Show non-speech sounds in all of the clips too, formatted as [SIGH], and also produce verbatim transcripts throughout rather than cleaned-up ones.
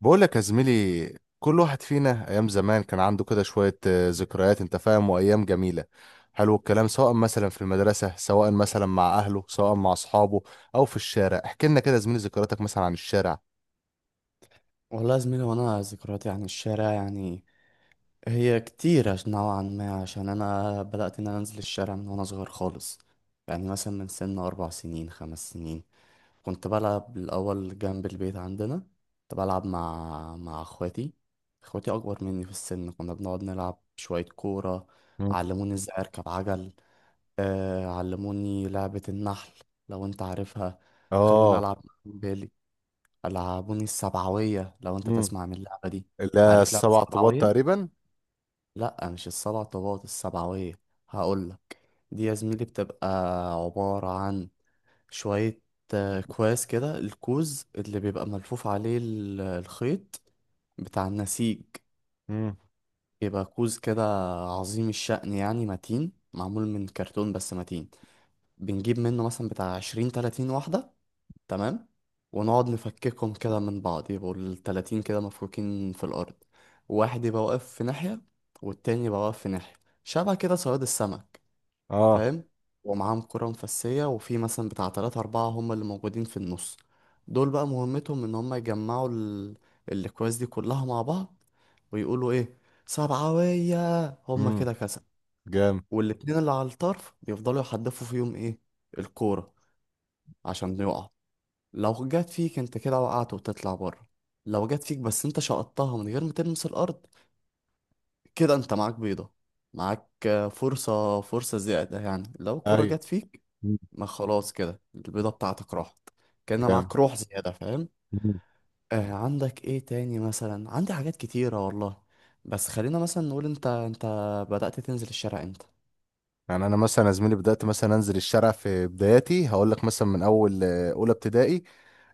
بقول لك يا زميلي، كل واحد فينا ايام زمان كان عنده كده شوية آه، ذكريات، انت فاهم، وايام جميلة. حلو الكلام، سواء مثلا في المدرسة، سواء مثلا مع اهله، سواء مع اصحابه او في الشارع. احكي لنا كده يا زميلي ذكرياتك مثلا عن الشارع. والله يا زميلي، وانا ذكرياتي عن الشارع يعني هي كتيرة نوعا ما. عشان انا بدأت ان انا انزل الشارع من وانا صغير خالص. يعني مثلا من سن اربع سنين خمس سنين كنت بلعب الاول جنب البيت عندنا. كنت بلعب مع مع اخواتي. اخواتي اكبر مني في السن. كنا بنقعد نلعب شوية كورة. مم. علموني ازاي اركب عجل. آه، علموني لعبة النحل لو انت عارفها. خلوني اه. العب. العابوني السبعوية، لو انت مم. تسمع من اللعبة دي. لا، عارف لعبة السبع طوبات السبعوية؟ تقريبا. لأ، مش السبع طوبات، السبعوية. هقولك، دي يا زميلي بتبقى عبارة عن شوية آه، كواس كده. الكوز اللي بيبقى ملفوف عليه ال- الخيط بتاع النسيج مم. بيبقى كوز كده عظيم الشأن يعني متين، معمول من كرتون بس متين. بنجيب منه مثلا بتاع عشرين تلاتين واحدة، تمام. ونقعد نفككهم كده من بعض، يبقوا التلاتين كده مفكوكين في الأرض. واحد يبقى واقف في ناحية، والتاني يبقى واقف في ناحية، شبه كده صياد السمك، اه. فاهم. ومعاهم كرة مفسية، وفي مثلا بتاع تلاتة أربعة هم اللي موجودين في النص. دول بقى مهمتهم إن هم يجمعوا ال... الأكواز دي كلها مع بعض، ويقولوا إيه، سبعوية، هم امم. كده كسب. جام. والاتنين اللي على الطرف يفضلوا يحدفوا فيهم إيه، الكورة، عشان يقعوا. لو جت فيك انت كده وقعت وتطلع بره. لو جت فيك بس انت شقطتها من غير ما تلمس الارض، كده انت معاك بيضة. معاك آه، فرصة فرصة زيادة يعني. لو الكرة ايوه. جت فيك، مم. ما خلاص كده البيضة بتاعتك راحت. كان جام. معاك روح زيادة، فاهم. مم. آه، عندك ايه تاني؟ مثلا عندي حاجات كتيرة والله. بس خلينا مثلا نقول، انت انت بدأت تنزل الشارع امتى؟ يعني انا مثلا يا زميلي بدأت مثلا انزل الشارع في بداياتي، هقول لك مثلا من اول آه، اولى ابتدائي.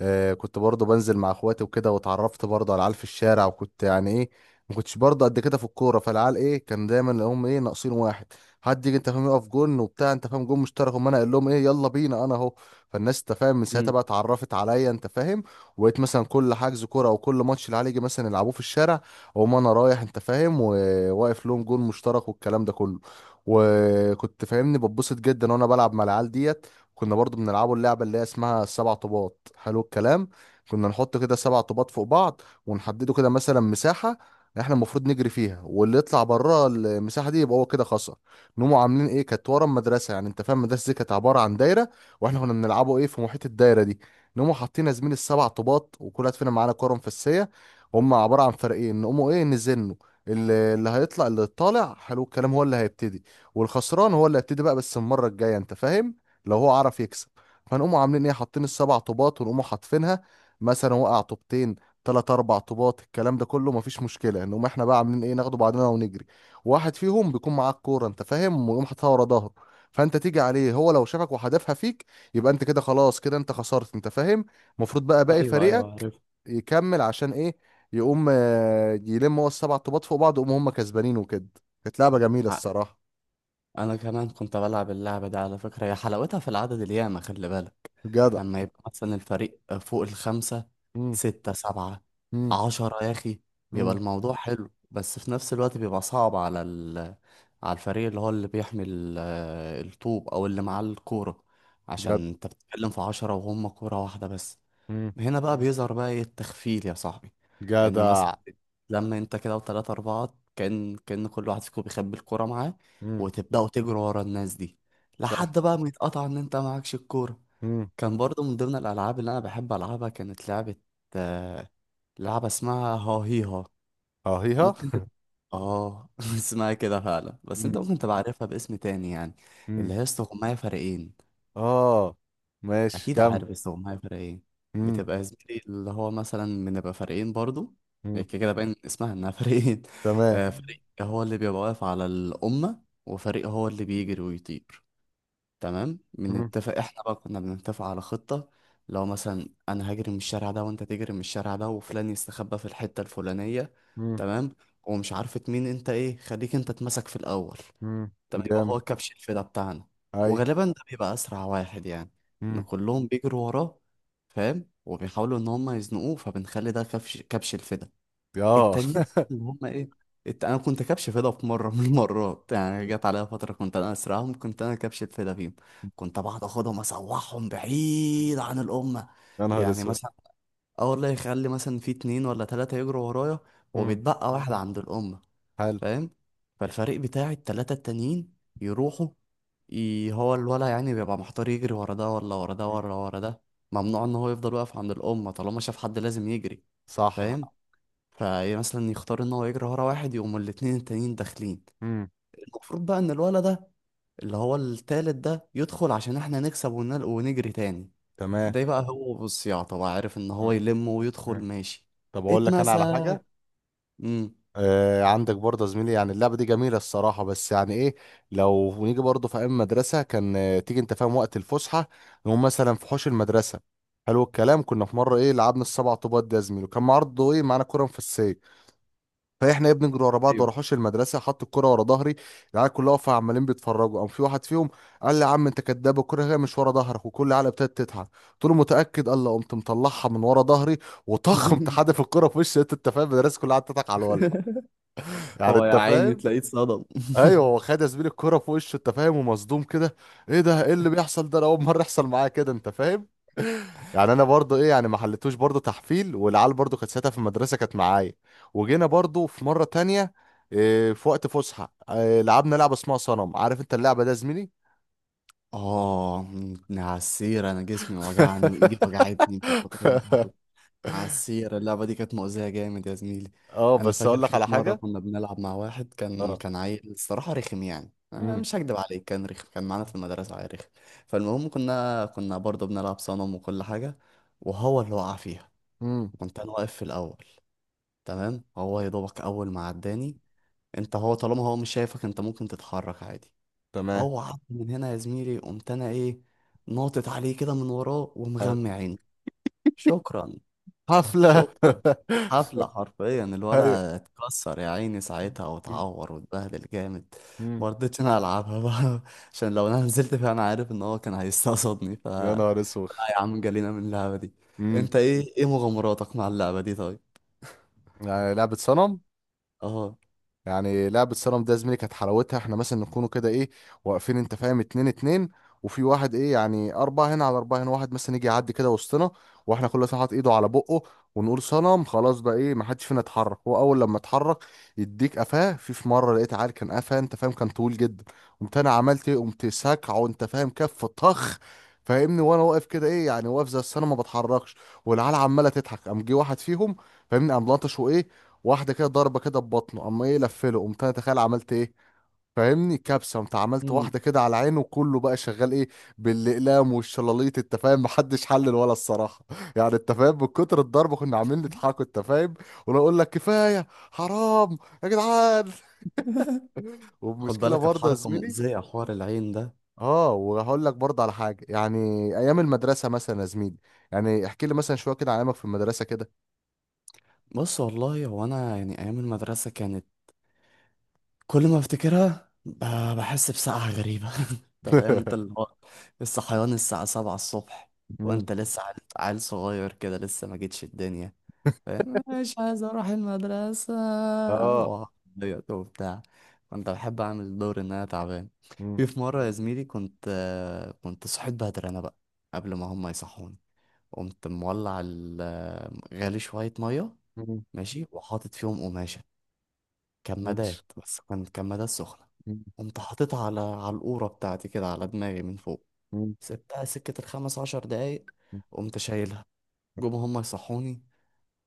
آه، كنت برضه بنزل مع اخواتي وكده، واتعرفت برضه على العيال في الشارع، وكنت يعني ايه، ما كنتش برضه قد كده في الكوره. فالعيال ايه، كان دايما لهم ايه، ناقصين واحد، حد يجي، انت فاهم، يقف جون وبتاع، انت فاهم، جون مشترك. وما انا اقول لهم ايه، يلا بينا انا اهو. فالناس، انت فاهم، من ساعتها امم. بقى اتعرفت عليا، انت فاهم. وبقيت مثلا كل حجز كوره او كل ماتش العيال يجي مثلا يلعبوه في الشارع، اقوم انا رايح، انت فاهم، وواقف لهم جون مشترك، والكلام ده كله. وكنت، فاهمني، بتبسط جدا وانا بلعب مع العيال ديت. كنا برضو بنلعبوا اللعبة اللي هي اسمها السبع طوبات. حلو الكلام، كنا نحط كده سبع طوبات فوق بعض، ونحدده كده مثلا مساحة احنا المفروض نجري فيها، واللي يطلع بره المساحة دي يبقى هو كده خسر. نقوموا عاملين ايه، كانت ورا المدرسة، يعني انت فاهم المدرسة دي كانت عبارة عن دايرة، واحنا كنا بنلعبوا ايه في محيط الدايرة دي. نقوموا حاطين يا زميلي السبع طوبات، وكل واحد فينا معانا كورة مفسية، هم عبارة عن فريقين. نقوموا ايه، نزنوا، اللي اللي هيطلع، اللي طالع حلو الكلام هو اللي هيبتدي، والخسران هو اللي هيبتدي بقى بس المرة الجاية، انت فاهم، لو هو عرف يكسب. فنقوموا عاملين ايه، حاطين السبع طوبات، ونقوموا حاطفينها. مثلا وقع طوبتين، تلات اربع طوبات، الكلام ده كله مفيش مشكله. نقوم احنا بقى عاملين ايه، ناخده بعضنا ونجري. واحد فيهم بيكون معاه الكوره، انت فاهم، ويقوم حاططها ورا ظهره. فانت تيجي عليه، هو لو شافك وحدفها فيك، يبقى انت كده خلاص، كده انت خسرت، انت فاهم. المفروض بقى باقي ايوه، ايوه، فريقك عارف. يكمل، عشان ايه، يقوم آه، يلم هو السبع طوبات فوق بعض ويقوم هم كسبانين وكده. كانت لعبه جميله الصراحه. انا كمان كنت بلعب اللعبه دي على فكره. هي حلاوتها في العدد الياما، خلي بالك. جدع. لما يبقى مثلا الفريق فوق الخمسه، امم. سته، سبعه، امم. عشرة يا اخي، بيبقى امم. الموضوع حلو. بس في نفس الوقت بيبقى صعب على ال... على الفريق اللي هو اللي بيحمل آه، الطوب، او اللي معاه الكوره، جدع. عشان انت بتتكلم في عشرة وهم كوره واحده بس. هنا بقى بيظهر بقى ايه التخفيل يا صاحبي. ان مثلا جدع. لما انت كده وتلاتة اربعة، كان كان كل واحد فيكم بيخبي الكورة معاه، امم. وتبدأوا تجروا ورا الناس دي لحد صح. بقى ما يتقطع ان انت معكش الكورة. امم. كان برضو من ضمن الالعاب اللي انا بحب العبها كانت لعبة آه، لعبة اسمها ها هي ها. اهيها. ممكن تت... اه [LAUGHS] اسمها كده فعلا، بس انت امم. ممكن تبقى عارفها باسم تاني يعني. امم. اللي هي استغماية فريقين. اه. ماشي اكيد كم. عارف، بس هو معايا فرق ايه. امم. بتبقى يا زميلي اللي هو مثلا بنبقى فريقين برضو. هي امم. كده كده باين من اسمها انها [LAUGHS] فريقين. تمام. آه، فريق هو اللي بيبقى واقف على الأمة، وفريق هو اللي بيجري ويطير. تمام. امم. بنتفق احنا بقى، كنا بنتفق على خطة. لو مثلا انا هجري من الشارع ده، وانت تجري من الشارع ده، وفلان يستخبى في الحتة الفلانية، امم. تمام. ومش عارفة مين انت ايه، خليك انت اتمسك في الأول. امم. طب يبقى جامد. هو كبش الفدا بتاعنا. اي. وغالبا ده بيبقى اسرع واحد يعني، ان امم. كلهم بيجروا وراه، فاهم. وبيحاولوا ان هم يزنقوه، فبنخلي ده كبش كبش الفدا. اه. التانيين اللي هم ايه، الت... انا كنت كبش فدا في مره [LAUGHS] من المرات. يعني مم. جت عليا فتره كنت انا اسرعهم، كنت انا كبش الفدا فيهم. كنت بقعد اخدهم اسوحهم بعيد عن الامه. يا نهار يعني اسود. مثلا، اه والله، يخلي مثلا في اتنين ولا تلاته يجروا ورايا، امم. وبيتبقى واحد عند الامه، حلو. فاهم. فالفريق بتاعي التلاتة التانيين يروحوا. ي... هو الولا يعني بيبقى محتار يجري ورا ده ولا ورا ده ولا مم. ورا ده. ممنوع ان هو يفضل واقف عند الأمة طالما شاف حد، لازم يجري، فاهم. صح. فمثلا يختار ان هو يجري ورا واحد، يقوم الاتنين التانيين داخلين. امم. المفروض بقى ان الولا ده، اللي هو التالت ده، يدخل عشان احنا نكسب ونل... ونجري تاني. تمام. ده بقى هو بالصياعة طبعا عارف ان هو آه. يلم ويدخل، آه. ماشي. طب اقول لك انا على حاجة. اتمسك. امم. آه، عندك برضه يا زميلي، يعني اللعبة دي جميلة الصراحة، بس يعني ايه، لو نيجي برضه في ايام مدرسة، كان آه، تيجي، انت فاهم، وقت الفسحة، نقوم مثلا في حوش المدرسة. حلو الكلام، كنا في مرة ايه لعبنا السبع طوبات ده يا زميلي، وكان برضه ايه معانا كورة مفسية. فاحنا ايه بنجري ورا بعض ورا ايوه. حوش المدرسة، حط الكورة ورا ظهري، العيال كلها واقفة عمالين بيتفرجوا. قام في واحد فيهم قال لي يا عم انت كداب، الكورة هي مش ورا ظهرك. وكل العيال ابتدت تضحك. قلت له متأكد؟ قال لي، قمت مطلعها من ورا ظهري وطخ [LAUGHS] قمت حادف الكورة في وش، انت فاهم، المدرسة كلها قعدت تضحك على الولد، [LAUGHS] يعني هو يا انت عيني فاهم. تلاقيه اتصدم. ايوه، هو [LAUGHS] خد يا زميلي الكرة في وشه، انت فاهم، ومصدوم كده. ايه ده، ايه اللي بيحصل ده، انا اول مره يحصل معايا كده، انت فاهم. [LAUGHS] يعني انا برضو ايه، يعني ما حلتوش برضو تحفيل. والعيال برضو كانت ساعتها في المدرسه كانت معايا. وجينا برضو في مره تانية، إيه، في وقت فسحه، إيه، لعبنا لعبه اسمها صنم. عارف انت اللعبه ده يا زميلي؟ اه، من عالسيرة انا جسمي وجعني وايدي وجعتني من كتر [LAUGHS] الضرب. عالسيرة اللعبة دي كانت مؤذية جامد يا زميلي. اه، انا بس فاكر اقول لك في على في مرة حاجه. كنا بنلعب مع واحد، كان اه. كان عيل الصراحة رخم. يعني أنا امم. مش هكدب عليك، كان رخم. كان معانا في المدرسة عيل رخم. فالمهم، كنا كنا برضه بنلعب صنم وكل حاجة، وهو اللي وقع فيها. امم. كنت انا واقف في الاول، تمام. هو يا دوبك اول ما عداني، انت هو طالما هو مش شايفك انت ممكن تتحرك عادي، تمام. هو عض من هنا يا زميلي. قمت انا ايه، ناطط عليه كده من وراه حلو. ومغمى عيني. شكرا. حفله. شكرا. حفلة حرفيا [LAUGHS] ايوه. الولا اتكسر يا عيني ساعتها، واتعور واتبهدل جامد. امم. ما رضيتش انا العبها بقى. [LAUGHS] عشان لو انا نزلت فيها، انا عارف ان هو كان هيستقصدني. ف يا نهار اسوخ. لا يا عم، جالينا من اللعبة دي. انت ايه، ايه مغامراتك مع اللعبة دي طيب؟ يعني لعبة صنم، اه. يعني لعبة صنم ده يا زميلي كانت حلاوتها احنا مثلا نكونوا كده ايه، واقفين، انت فاهم، اتنين اتنين، وفي واحد ايه يعني، أربعة هنا على أربعة هنا، واحد مثلا يجي يعدي كده وسطنا واحنا كل واحد حاطط ايده على بقه، ونقول صنم. خلاص بقى ايه، ما حدش فينا يتحرك. هو أول لما اتحرك يديك قفاه. في في مرة لقيت عيل كان قفاه، انت فاهم، كان طويل جدا، قمت أنا عملت ايه، قمت ساكعه، انت فاهم، كف طخ، فاهمني، وانا واقف كده ايه، يعني واقف زي الصنم ما بتحركش. والعيال عماله تضحك. قام جه واحد فيهم، فاهمني، قام لطشه ايه واحده كده، ضربه كده ببطنه، اما ايه لفله، قمت انا تخيل عملت ايه، فاهمني، كبسه، قمت عملت مم. واحده كده على عينه، وكله بقى شغال ايه بالاقلام والشلاليط، انت فاهم، محدش حلل ولا الصراحه. [LAUGHS] يعني انت فاهم من كتر الضربه كنا عاملين نضحكوا، انت فاهم. وانا اقول لك كفايه حرام يا جدعان. [LAUGHS] خد والمشكله بالك، كانت برضه يا حركة زميلي، مؤذية، حوار العين ده. اه، وهقول لك برضه على حاجه، يعني ايام المدرسه مثلا يا زميلي، يعني احكي لي مثلا شويه كده عن ايامك في المدرسه كده. بص والله، هو انا يعني ايام المدرسة كانت كل ما افتكرها ب- بحس بسقعة غريبة. [LAUGHS] انت فاهم، انت اللي [LAUGHS] هو الصحيان الساعة سبعة الصبح، مم. وانت لسه عيل، عيل صغير كده لسه ما جيتش الدنيا، فاهم. مش عايز اروح المدرسة، اه. وعضيت وبتاع. كنت بحب اعمل دور ان انا تعبان. مم. في في مرة يا زميلي، كنت آه، كنت صحيت بدري انا بقى، قبل ما هم يصحوني. قمت مولع ال- آه، غالي شوية مية، مم. ماشي. وحاطط فيهم قماشة، ماشي. كمادات، بس كانت كمادات سخنة. قمت حاططها على على القورة بتاعتي كده، على دماغي من فوق. مم. سبتها سكة الخمس عشر دقايق، قمت شايلها. جم هما يصحوني،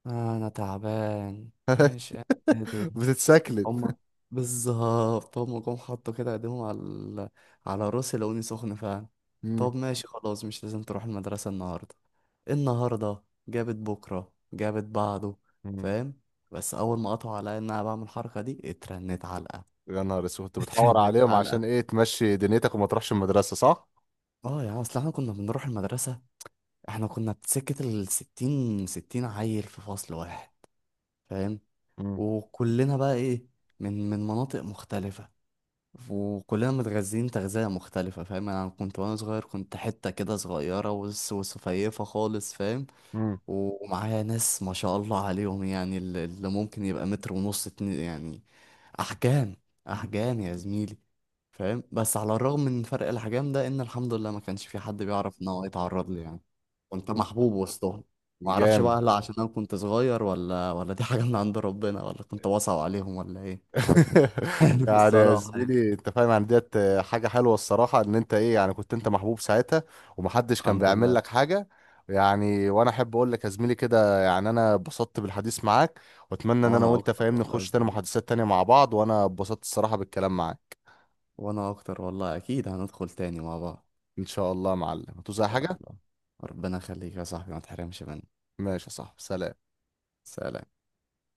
آه أنا تعبان مش قادر. [LAUGHS] بتتسكلت. هما، بالظبط هما جم حطوا كده ايديهم على ال- على راسي، لقوني سخن فعلا. مم. طب ماشي خلاص، مش لازم تروح المدرسة النهاردة. النهاردة جابت بكرة، جابت بعده، مم. فاهم. بس أول ما قطعوا عليا إن أنا بعمل الحركة دي، اترنت علقة. يا نهار اسود، كنت بتحور كانت عليهم عشان حلقة. ايه تمشي دنيتك وما تروحش المدرسة، صح؟ اه يا عم، اصل احنا كنا بنروح المدرسة، احنا كنا سكة الستين، ستين عيل في فصل واحد، فاهم. مم. وكلنا بقى ايه، من من مناطق مختلفة، وكلنا متغذين تغذية مختلفة، فاهم. يعني انا كنت وانا صغير كنت حتة كده صغيرة وس- وسفيفة خالص، فاهم. مم. و- ومعايا ناس ما شاء الله عليهم، يعني ال- اللي ممكن يبقى متر ونص، اتنين يعني، احجام، احجام يا زميلي، فاهم. بس على الرغم من فرق الاحجام ده، ان الحمد لله ما كانش في حد بيعرف ان هو يتعرض لي يعني. كنت مم. محبوب وسطهم. ما اعرفش بقى، جامد. هل عشان انا كنت صغير، ولا ولا دي حاجه من عند ربنا، ولا كنت واسع عليهم، ولا ايه؟ [LAUGHS] [LAUGHS] عارف يعني يا الصراحه يعني. زميلي، انت فاهم، يعني ديت حاجة حلوة الصراحة، ان انت ايه، يعني كنت انت محبوب ساعتها ومحدش كان الحمد بيعمل لله. لك حاجة. يعني وانا احب اقول لك يا زميلي كده، يعني انا اتبسطت بالحديث معاك، واتمنى ان انا وانا وانت، اكتر فاهمني، والله يا نخش تاني زميلي، محادثات تانية مع بعض، وانا اتبسطت الصراحة بالكلام معاك. وانا اكتر والله. اكيد هندخل تاني مع بعض ان شاء الله يا معلم، هتوزع ان شاء حاجة. الله. ربنا يخليك يا صاحبي، ما تحرمش مني. ماشي، صح، سلام. سلام.